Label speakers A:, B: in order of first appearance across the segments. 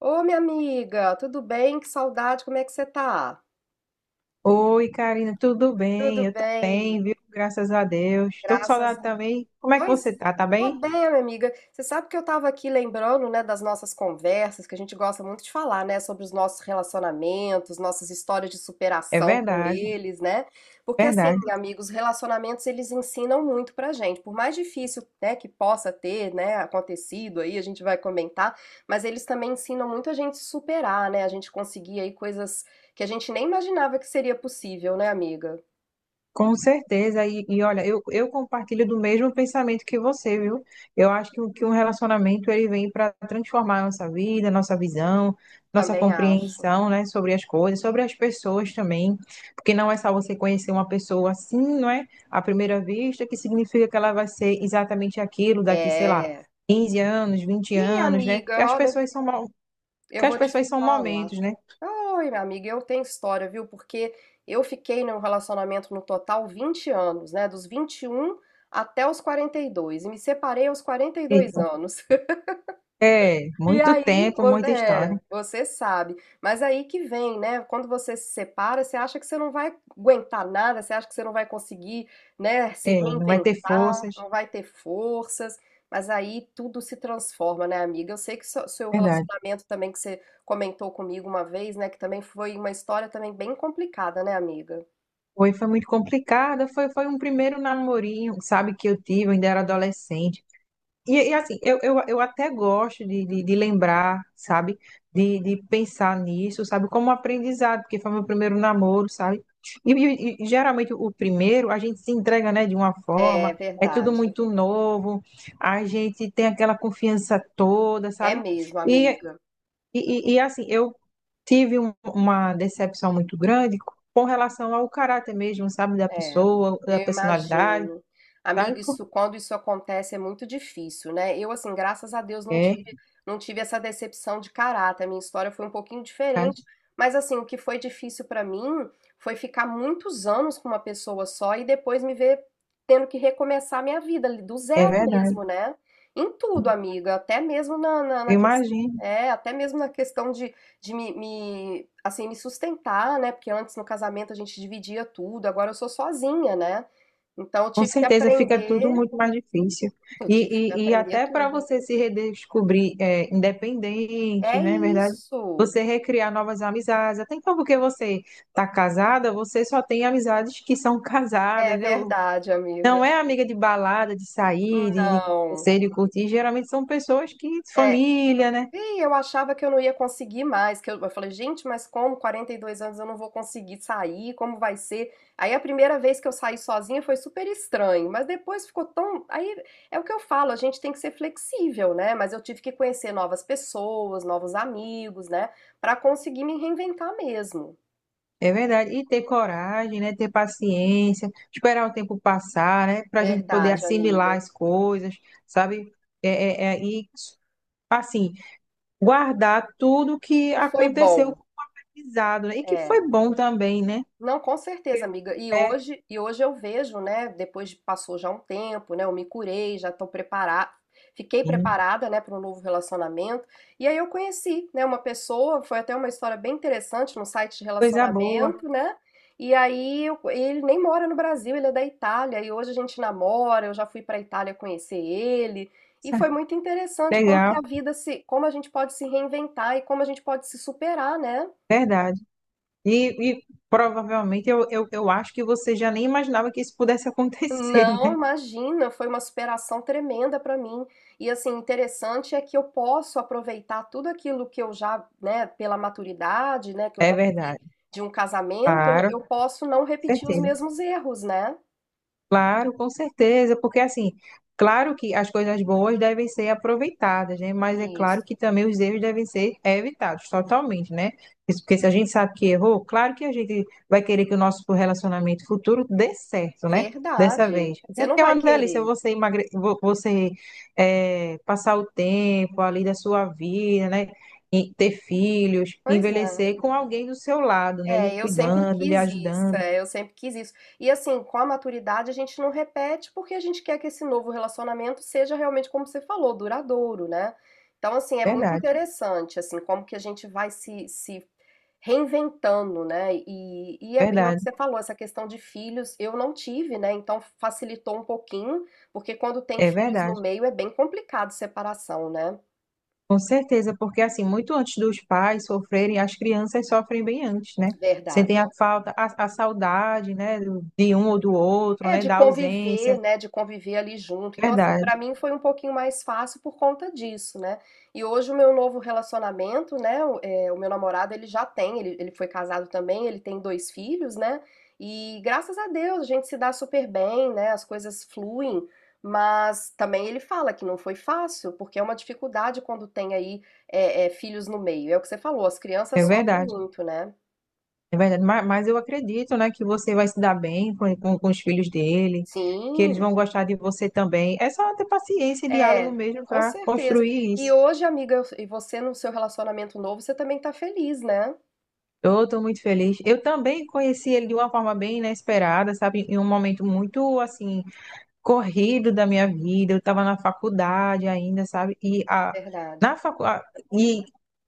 A: Ô, minha amiga, tudo bem? Que saudade, como é que você tá?
B: Oi, Karina, tudo
A: Tudo
B: bem? Eu tô
A: bem,
B: bem, viu? Graças a Deus. Tô com
A: graças
B: saudade também. Como é que você
A: pois,
B: tá? Tá
A: tô
B: bem?
A: bem, minha amiga. Você sabe que eu tava aqui lembrando, né, das nossas conversas, que a gente gosta muito de falar, né, sobre os nossos relacionamentos, nossas histórias de
B: É
A: superação com
B: verdade,
A: eles, né? Porque assim,
B: verdade.
A: amigos, relacionamentos eles ensinam muito pra gente. Por mais difícil, né, que possa ter, né, acontecido aí, a gente vai comentar, mas eles também ensinam muito a gente superar, né? A gente conseguir aí coisas que a gente nem imaginava que seria possível, né, amiga?
B: Com certeza, e olha, eu compartilho do mesmo pensamento que você, viu? Eu acho que um relacionamento ele vem para transformar a nossa vida, nossa visão, nossa
A: Também acho.
B: compreensão, né, sobre as coisas, sobre as pessoas também, porque não é só você conhecer uma pessoa assim, não é? À primeira vista, que significa que ela vai ser exatamente aquilo daqui, sei lá,
A: É.
B: 15 anos, 20
A: E
B: anos, né? Que
A: amiga,
B: as
A: olha,
B: pessoas são, mo-
A: eu
B: que as
A: vou te
B: pessoas são
A: falar.
B: momentos, né?
A: Ai, minha amiga, eu tenho história, viu? Porque eu fiquei num relacionamento no total 20 anos, né? Dos 21 até os 42. E me separei aos 42
B: Eita.
A: anos.
B: É,
A: E
B: muito
A: aí,
B: tempo, muita história.
A: é, você sabe. Mas aí que vem, né? Quando você se separa, você acha que você não vai aguentar nada, você acha que você não vai conseguir, né, se
B: É, não vai ter
A: reinventar,
B: forças.
A: não vai ter forças. Mas aí tudo se transforma, né, amiga? Eu sei que seu
B: Verdade.
A: relacionamento também que você comentou comigo uma vez, né, que também foi uma história também bem complicada, né, amiga?
B: Foi muito complicada. Foi um primeiro namorinho, sabe, que eu tive, eu ainda era adolescente. E assim, eu até gosto de lembrar, sabe, de pensar nisso, sabe, como aprendizado, porque foi meu primeiro namoro, sabe? E geralmente o primeiro a gente se entrega, né, de uma
A: É
B: forma, é tudo
A: verdade.
B: muito novo, a gente tem aquela confiança toda,
A: É
B: sabe?
A: mesmo,
B: E,
A: amiga.
B: e assim, eu tive uma decepção muito grande com relação ao caráter mesmo, sabe, da
A: É,
B: pessoa, da
A: eu
B: personalidade,
A: imagino.
B: sabe
A: Amigo,
B: por
A: isso, quando isso acontece é muito difícil, né? Eu, assim, graças a Deus não tive,
B: quê?
A: não tive essa decepção de caráter. A minha história foi um pouquinho
B: Sabe?
A: diferente, mas, assim, o que foi difícil pra mim foi ficar muitos anos com uma pessoa só e depois me ver tendo que recomeçar a minha vida ali, do
B: É
A: zero
B: verdade.
A: mesmo, né? Em tudo, amiga, até mesmo na, na,
B: Eu
A: na questão.
B: imagino.
A: É, até mesmo na questão de assim, me sustentar, né? Porque antes no casamento a gente dividia tudo, agora eu sou sozinha, né? Então eu
B: Com
A: tive que
B: certeza fica tudo
A: aprender,
B: muito mais difícil.
A: eu tive que
B: E
A: aprender
B: até para
A: tudo.
B: você se redescobrir é, independente,
A: É
B: né? É verdade?
A: isso.
B: Você recriar novas amizades. Até então, porque você está casada, você só tem amizades que são
A: É
B: casadas, né?
A: verdade, amiga.
B: Não é amiga de balada, de sair, de
A: Não.
B: conhecer, de curtir. Geralmente são pessoas que,
A: É,
B: família, né?
A: e eu achava que eu não ia conseguir mais, que eu falei, gente, mas como 42 anos eu não vou conseguir sair, como vai ser? Aí a primeira vez que eu saí sozinha foi super estranho, mas depois ficou tão, aí é o que eu falo, a gente tem que ser flexível, né? Mas eu tive que conhecer novas pessoas, novos amigos, né, pra conseguir me reinventar mesmo.
B: É verdade. E ter coragem, né? Ter paciência, esperar o tempo passar, né? Para a gente poder
A: Verdade,
B: assimilar
A: amiga.
B: as coisas, sabe? É, é- é- e, assim, guardar tudo que
A: E foi
B: aconteceu
A: bom.
B: com o aprendizado, né? E que
A: É.
B: foi bom também, né?
A: Não, com certeza, amiga. E
B: É,
A: hoje, e hoje eu vejo, né? Passou já um tempo, né? Eu me curei, já estou preparada, fiquei
B: sim.
A: preparada, né, para um novo relacionamento. E aí eu conheci, né, uma pessoa, foi até uma história bem interessante num site de
B: Coisa boa.
A: relacionamento, né? E aí ele nem mora no Brasil, ele é da Itália. E hoje a gente namora, eu já fui para a Itália conhecer ele. E foi muito interessante como que
B: Legal,
A: a vida se, como a gente pode se reinventar e como a gente pode se superar, né?
B: verdade. E provavelmente eu acho que você já nem imaginava que isso pudesse acontecer,
A: Não,
B: né?
A: imagina, foi uma superação tremenda para mim. E assim, interessante é que eu posso aproveitar tudo aquilo que eu já, né, pela maturidade, né, que eu
B: É
A: já
B: verdade.
A: vivi de um casamento, eu,
B: Claro,
A: eu
B: com
A: posso não repetir os
B: certeza.
A: mesmos erros, né?
B: Claro, com certeza, porque assim, claro que as coisas boas devem ser aproveitadas, né? Mas é claro que
A: Isso.
B: também os erros devem ser evitados totalmente, né? Isso. Porque se a gente sabe que errou, claro que a gente vai querer que o nosso relacionamento futuro dê certo, né? Dessa
A: Verdade.
B: vez.
A: Você
B: Até
A: não
B: porque é
A: vai
B: uma delícia
A: querer.
B: você emagre... vo- você eh, passar o tempo ali da sua vida, né? E ter filhos,
A: Pois é.
B: envelhecer com alguém do seu lado, né? Lhe
A: É, eu sempre
B: cuidando, lhe
A: quis isso,
B: ajudando.
A: é, eu sempre quis isso. E assim, com a maturidade a gente não repete porque a gente quer que esse novo relacionamento seja realmente, como você falou, duradouro, né? Então, assim, é muito
B: Verdade,
A: interessante, assim, como que a gente vai se reinventando, né? É o que
B: verdade,
A: você falou, essa questão de filhos, eu não tive, né? Então facilitou um pouquinho, porque quando tem
B: é
A: filhos no
B: verdade.
A: meio é bem complicado separação, né?
B: Com certeza, porque assim, muito antes dos pais sofrerem, as crianças sofrem bem antes, né?
A: Verdade.
B: Sentem a falta, a saudade, né, de um ou do outro,
A: É,
B: né,
A: de
B: da ausência.
A: conviver, né? De conviver ali junto. Então, assim,
B: Verdade,
A: pra mim foi um pouquinho mais fácil por conta disso, né? E hoje o meu novo relacionamento, né? O meu namorado, ele foi casado também, ele tem dois filhos, né? E graças a Deus a gente se dá super bem, né? As coisas fluem, mas também ele fala que não foi fácil, porque é uma dificuldade quando tem aí filhos no meio. É o que você falou, as
B: é
A: crianças sofrem
B: verdade,
A: muito, né?
B: é verdade. Mas eu acredito, né, que você vai se dar bem com os filhos dele, que eles
A: Sim.
B: vão gostar de você também. É só ter paciência e diálogo
A: É,
B: mesmo
A: com
B: para
A: certeza.
B: construir
A: E
B: isso.
A: hoje, amiga, e você no seu relacionamento novo, você também tá feliz, né?
B: Eu estou muito feliz. Eu também conheci ele de uma forma bem inesperada, sabe? Em um momento muito, assim corrido da minha vida, eu estava na faculdade ainda, sabe? E a,
A: Verdade.
B: na facu, a- e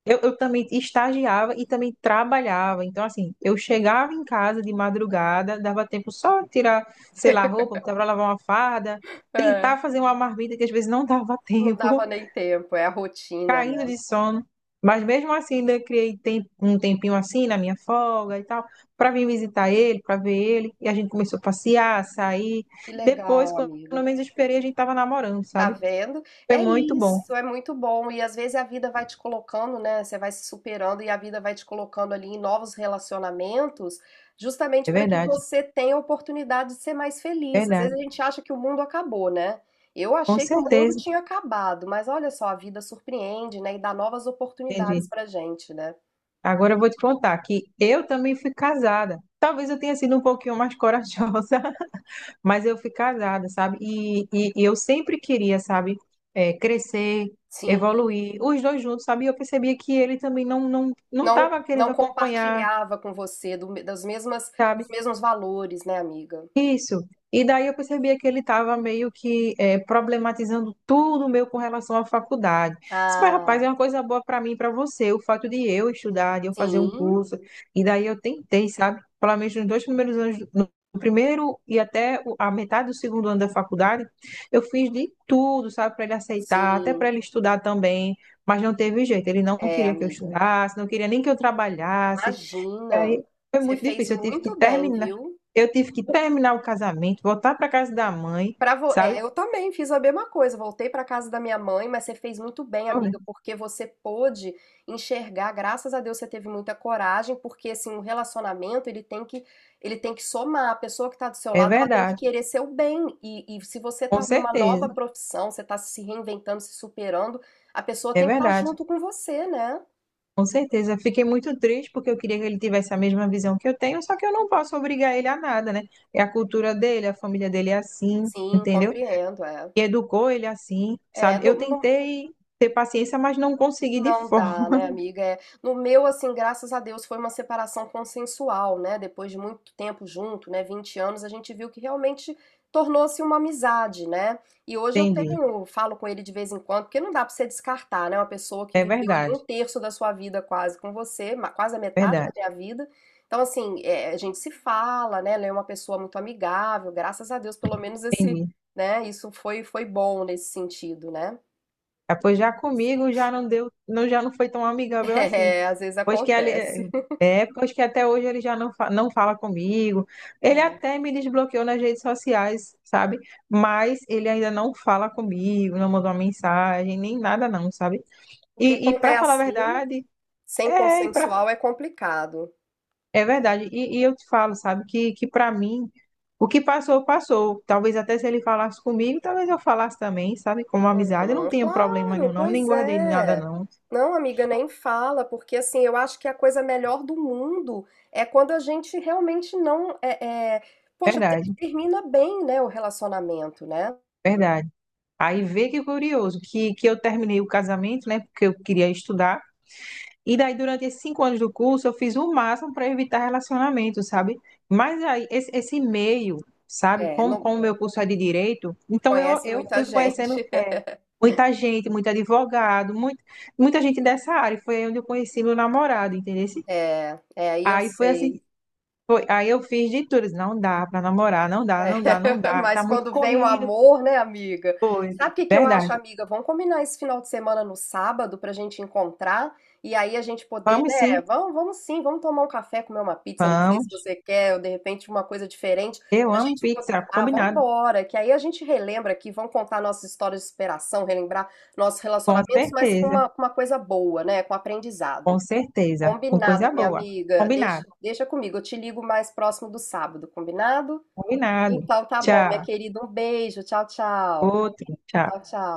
B: eu também estagiava e também trabalhava. Então, assim, eu chegava em casa de madrugada, dava tempo só de tirar, sei lá, roupa, para lavar uma farda,
A: É,
B: tentar fazer uma marmita que às vezes não dava
A: não
B: tempo
A: dava nem tempo, é a rotina,
B: caindo
A: né?
B: de sono. Mas mesmo assim, ainda criei um tempinho assim na minha folga e tal, para vir visitar ele, para ver ele. E a gente começou a passear, a sair.
A: Que
B: Depois,
A: legal,
B: quando
A: amiga.
B: eu menos esperei, a gente estava namorando,
A: Tá
B: sabe?
A: vendo?
B: Foi
A: É
B: muito bom.
A: isso, é muito bom. E às vezes a vida vai te colocando, né? Você vai se superando e a vida vai te colocando ali em novos relacionamentos,
B: É
A: justamente para que
B: verdade,
A: você tenha a oportunidade de ser mais feliz. Às vezes a
B: verdade.
A: gente acha que o mundo acabou, né? Eu
B: Com
A: achei que o mundo
B: certeza,
A: tinha acabado, mas olha só, a vida surpreende, né? E dá novas
B: entendi.
A: oportunidades pra gente, né?
B: Agora eu vou te contar que eu também fui casada. Talvez eu tenha sido um pouquinho mais corajosa, mas eu fui casada, sabe? E eu sempre queria, sabe, é, crescer,
A: Sim,
B: evoluir, os dois juntos, sabe? E eu percebia que ele também não
A: não
B: estava querendo
A: não
B: acompanhar,
A: compartilhava com você do, me- das mesmas,
B: sabe?
A: dos mesmos valores, né, amiga?
B: Isso. E daí eu percebia que ele estava meio que problematizando tudo meu com relação à faculdade. Disse, mas, rapaz,
A: Ah,
B: é uma coisa boa para mim e para você, o fato de eu estudar, de eu fazer um
A: sim,
B: curso. E daí eu tentei, sabe? Pelo menos nos dois primeiros anos, no primeiro e até a metade do segundo ano da faculdade, eu fiz de tudo, sabe? Para ele aceitar, até
A: sim.
B: para ele estudar também. Mas não teve jeito. Ele não
A: É,
B: queria que eu
A: amiga.
B: estudasse, não queria nem que eu trabalhasse. E
A: Imagina.
B: aí foi
A: Você
B: muito
A: fez
B: difícil. Eu tive que
A: muito bem,
B: terminar.
A: viu?
B: Eu tive que terminar o casamento, voltar para casa da mãe, sabe?
A: Eu também fiz a mesma coisa. Voltei para casa da minha mãe, mas você fez muito bem, amiga, porque você pôde enxergar. Graças a Deus você teve muita coragem, porque assim, o relacionamento, ele tem que somar. A pessoa que está do seu
B: É
A: lado, ela tem que
B: verdade,
A: querer seu bem. Se você
B: com
A: está numa nova
B: certeza.
A: profissão, você está se reinventando, se superando, a pessoa
B: É
A: tem que estar
B: verdade,
A: junto com você, né?
B: com certeza. Fiquei muito triste porque eu queria que ele tivesse a mesma visão que eu tenho, só que eu não posso obrigar ele a nada, né? É a cultura dele, a família dele é assim,
A: Sim,
B: entendeu?
A: compreendo, é.
B: E educou ele assim,
A: É,
B: sabe? Eu tentei ter paciência, mas não consegui de
A: não dá,
B: forma.
A: né, amiga? É, no meu, assim, graças a Deus, foi uma separação consensual, né? Depois de muito tempo junto, né? 20 anos, a gente viu que realmente tornou-se uma amizade, né? E hoje eu
B: Entendi.
A: tenho, falo com ele de vez em quando, porque não dá pra você descartar, né? Uma pessoa que
B: É
A: viveu ali um
B: verdade,
A: terço da sua vida quase com você, quase a metade da
B: verdade.
A: minha vida. Então, assim, é, a gente se fala, né? Ela é uma pessoa muito amigável, graças a Deus, pelo menos esse,
B: Entendi.
A: né? Isso foi bom nesse sentido, né?
B: Ah, pois já comigo já não deu, não, já não foi tão amigável assim.
A: É, às vezes
B: Pois que ele,
A: acontece.
B: pois que até hoje ele já não fala comigo. Ele até me desbloqueou nas redes sociais, sabe? Mas ele ainda não fala comigo, não mandou uma mensagem, nem nada não, sabe?
A: Porque
B: E
A: quando é
B: para falar a
A: assim,
B: verdade,
A: sem
B: é, e pra,
A: consensual é complicado.
B: é verdade. E eu te falo, sabe, que para mim, o que passou, passou. Talvez até se ele falasse comigo, talvez eu falasse também, sabe? Como amizade, eu não
A: Uhum,
B: tenho problema
A: claro,
B: nenhum, não, nem
A: pois
B: guardei nada
A: é.
B: não.
A: Não, amiga, nem fala, porque assim, eu acho que a coisa melhor do mundo é quando a gente realmente não é, é- poxa,
B: Verdade,
A: termina bem, né, o relacionamento, né?
B: verdade. Aí vê que curioso, que eu terminei o casamento, né? Porque eu queria estudar. E daí, durante esses 5 anos do curso, eu fiz o máximo para evitar relacionamento, sabe? Mas aí, esse meio, sabe?
A: É,
B: Como,
A: não
B: como o meu curso é de direito, então eu,
A: conhece
B: eu
A: muita
B: fui conhecendo
A: gente.
B: muita gente, muito advogado, muita gente dessa área. Foi aí onde eu conheci meu namorado, entendeu?
A: É, é, aí eu
B: Aí foi assim,
A: sei.
B: aí eu fiz de tudo. Não dá para namorar, não dá,
A: É,
B: não dá, não dá. Tá
A: mas
B: muito
A: quando vem o
B: corrido.
A: amor, né, amiga?
B: Foi,
A: Sabe o que que eu acho,
B: verdade.
A: amiga? Vamos combinar esse final de semana no sábado pra gente encontrar e aí a gente poder,
B: Vamos
A: né?
B: sim,
A: Vamos, vamos sim, vamos tomar um café, comer uma pizza. Eu não sei se
B: vamos.
A: você quer, ou de repente uma coisa diferente
B: Eu
A: pra
B: amo
A: gente poder.
B: pizza,
A: Ah, vamos
B: combinado.
A: embora, que aí a gente relembra aqui, vamos contar nossas histórias de superação, relembrar nossos
B: Com
A: relacionamentos, mas com
B: certeza,
A: uma, com uma coisa boa, né? Com
B: com
A: aprendizado.
B: certeza. Com
A: Combinado,
B: coisa
A: minha
B: boa.
A: amiga.
B: Combinado,
A: Deixa, deixa comigo, eu te ligo mais próximo do sábado, combinado?
B: combinado.
A: Então tá bom, minha
B: Tchau.
A: querida. Um beijo. Tchau, tchau.
B: Outro, tchau.
A: Tchau, tchau.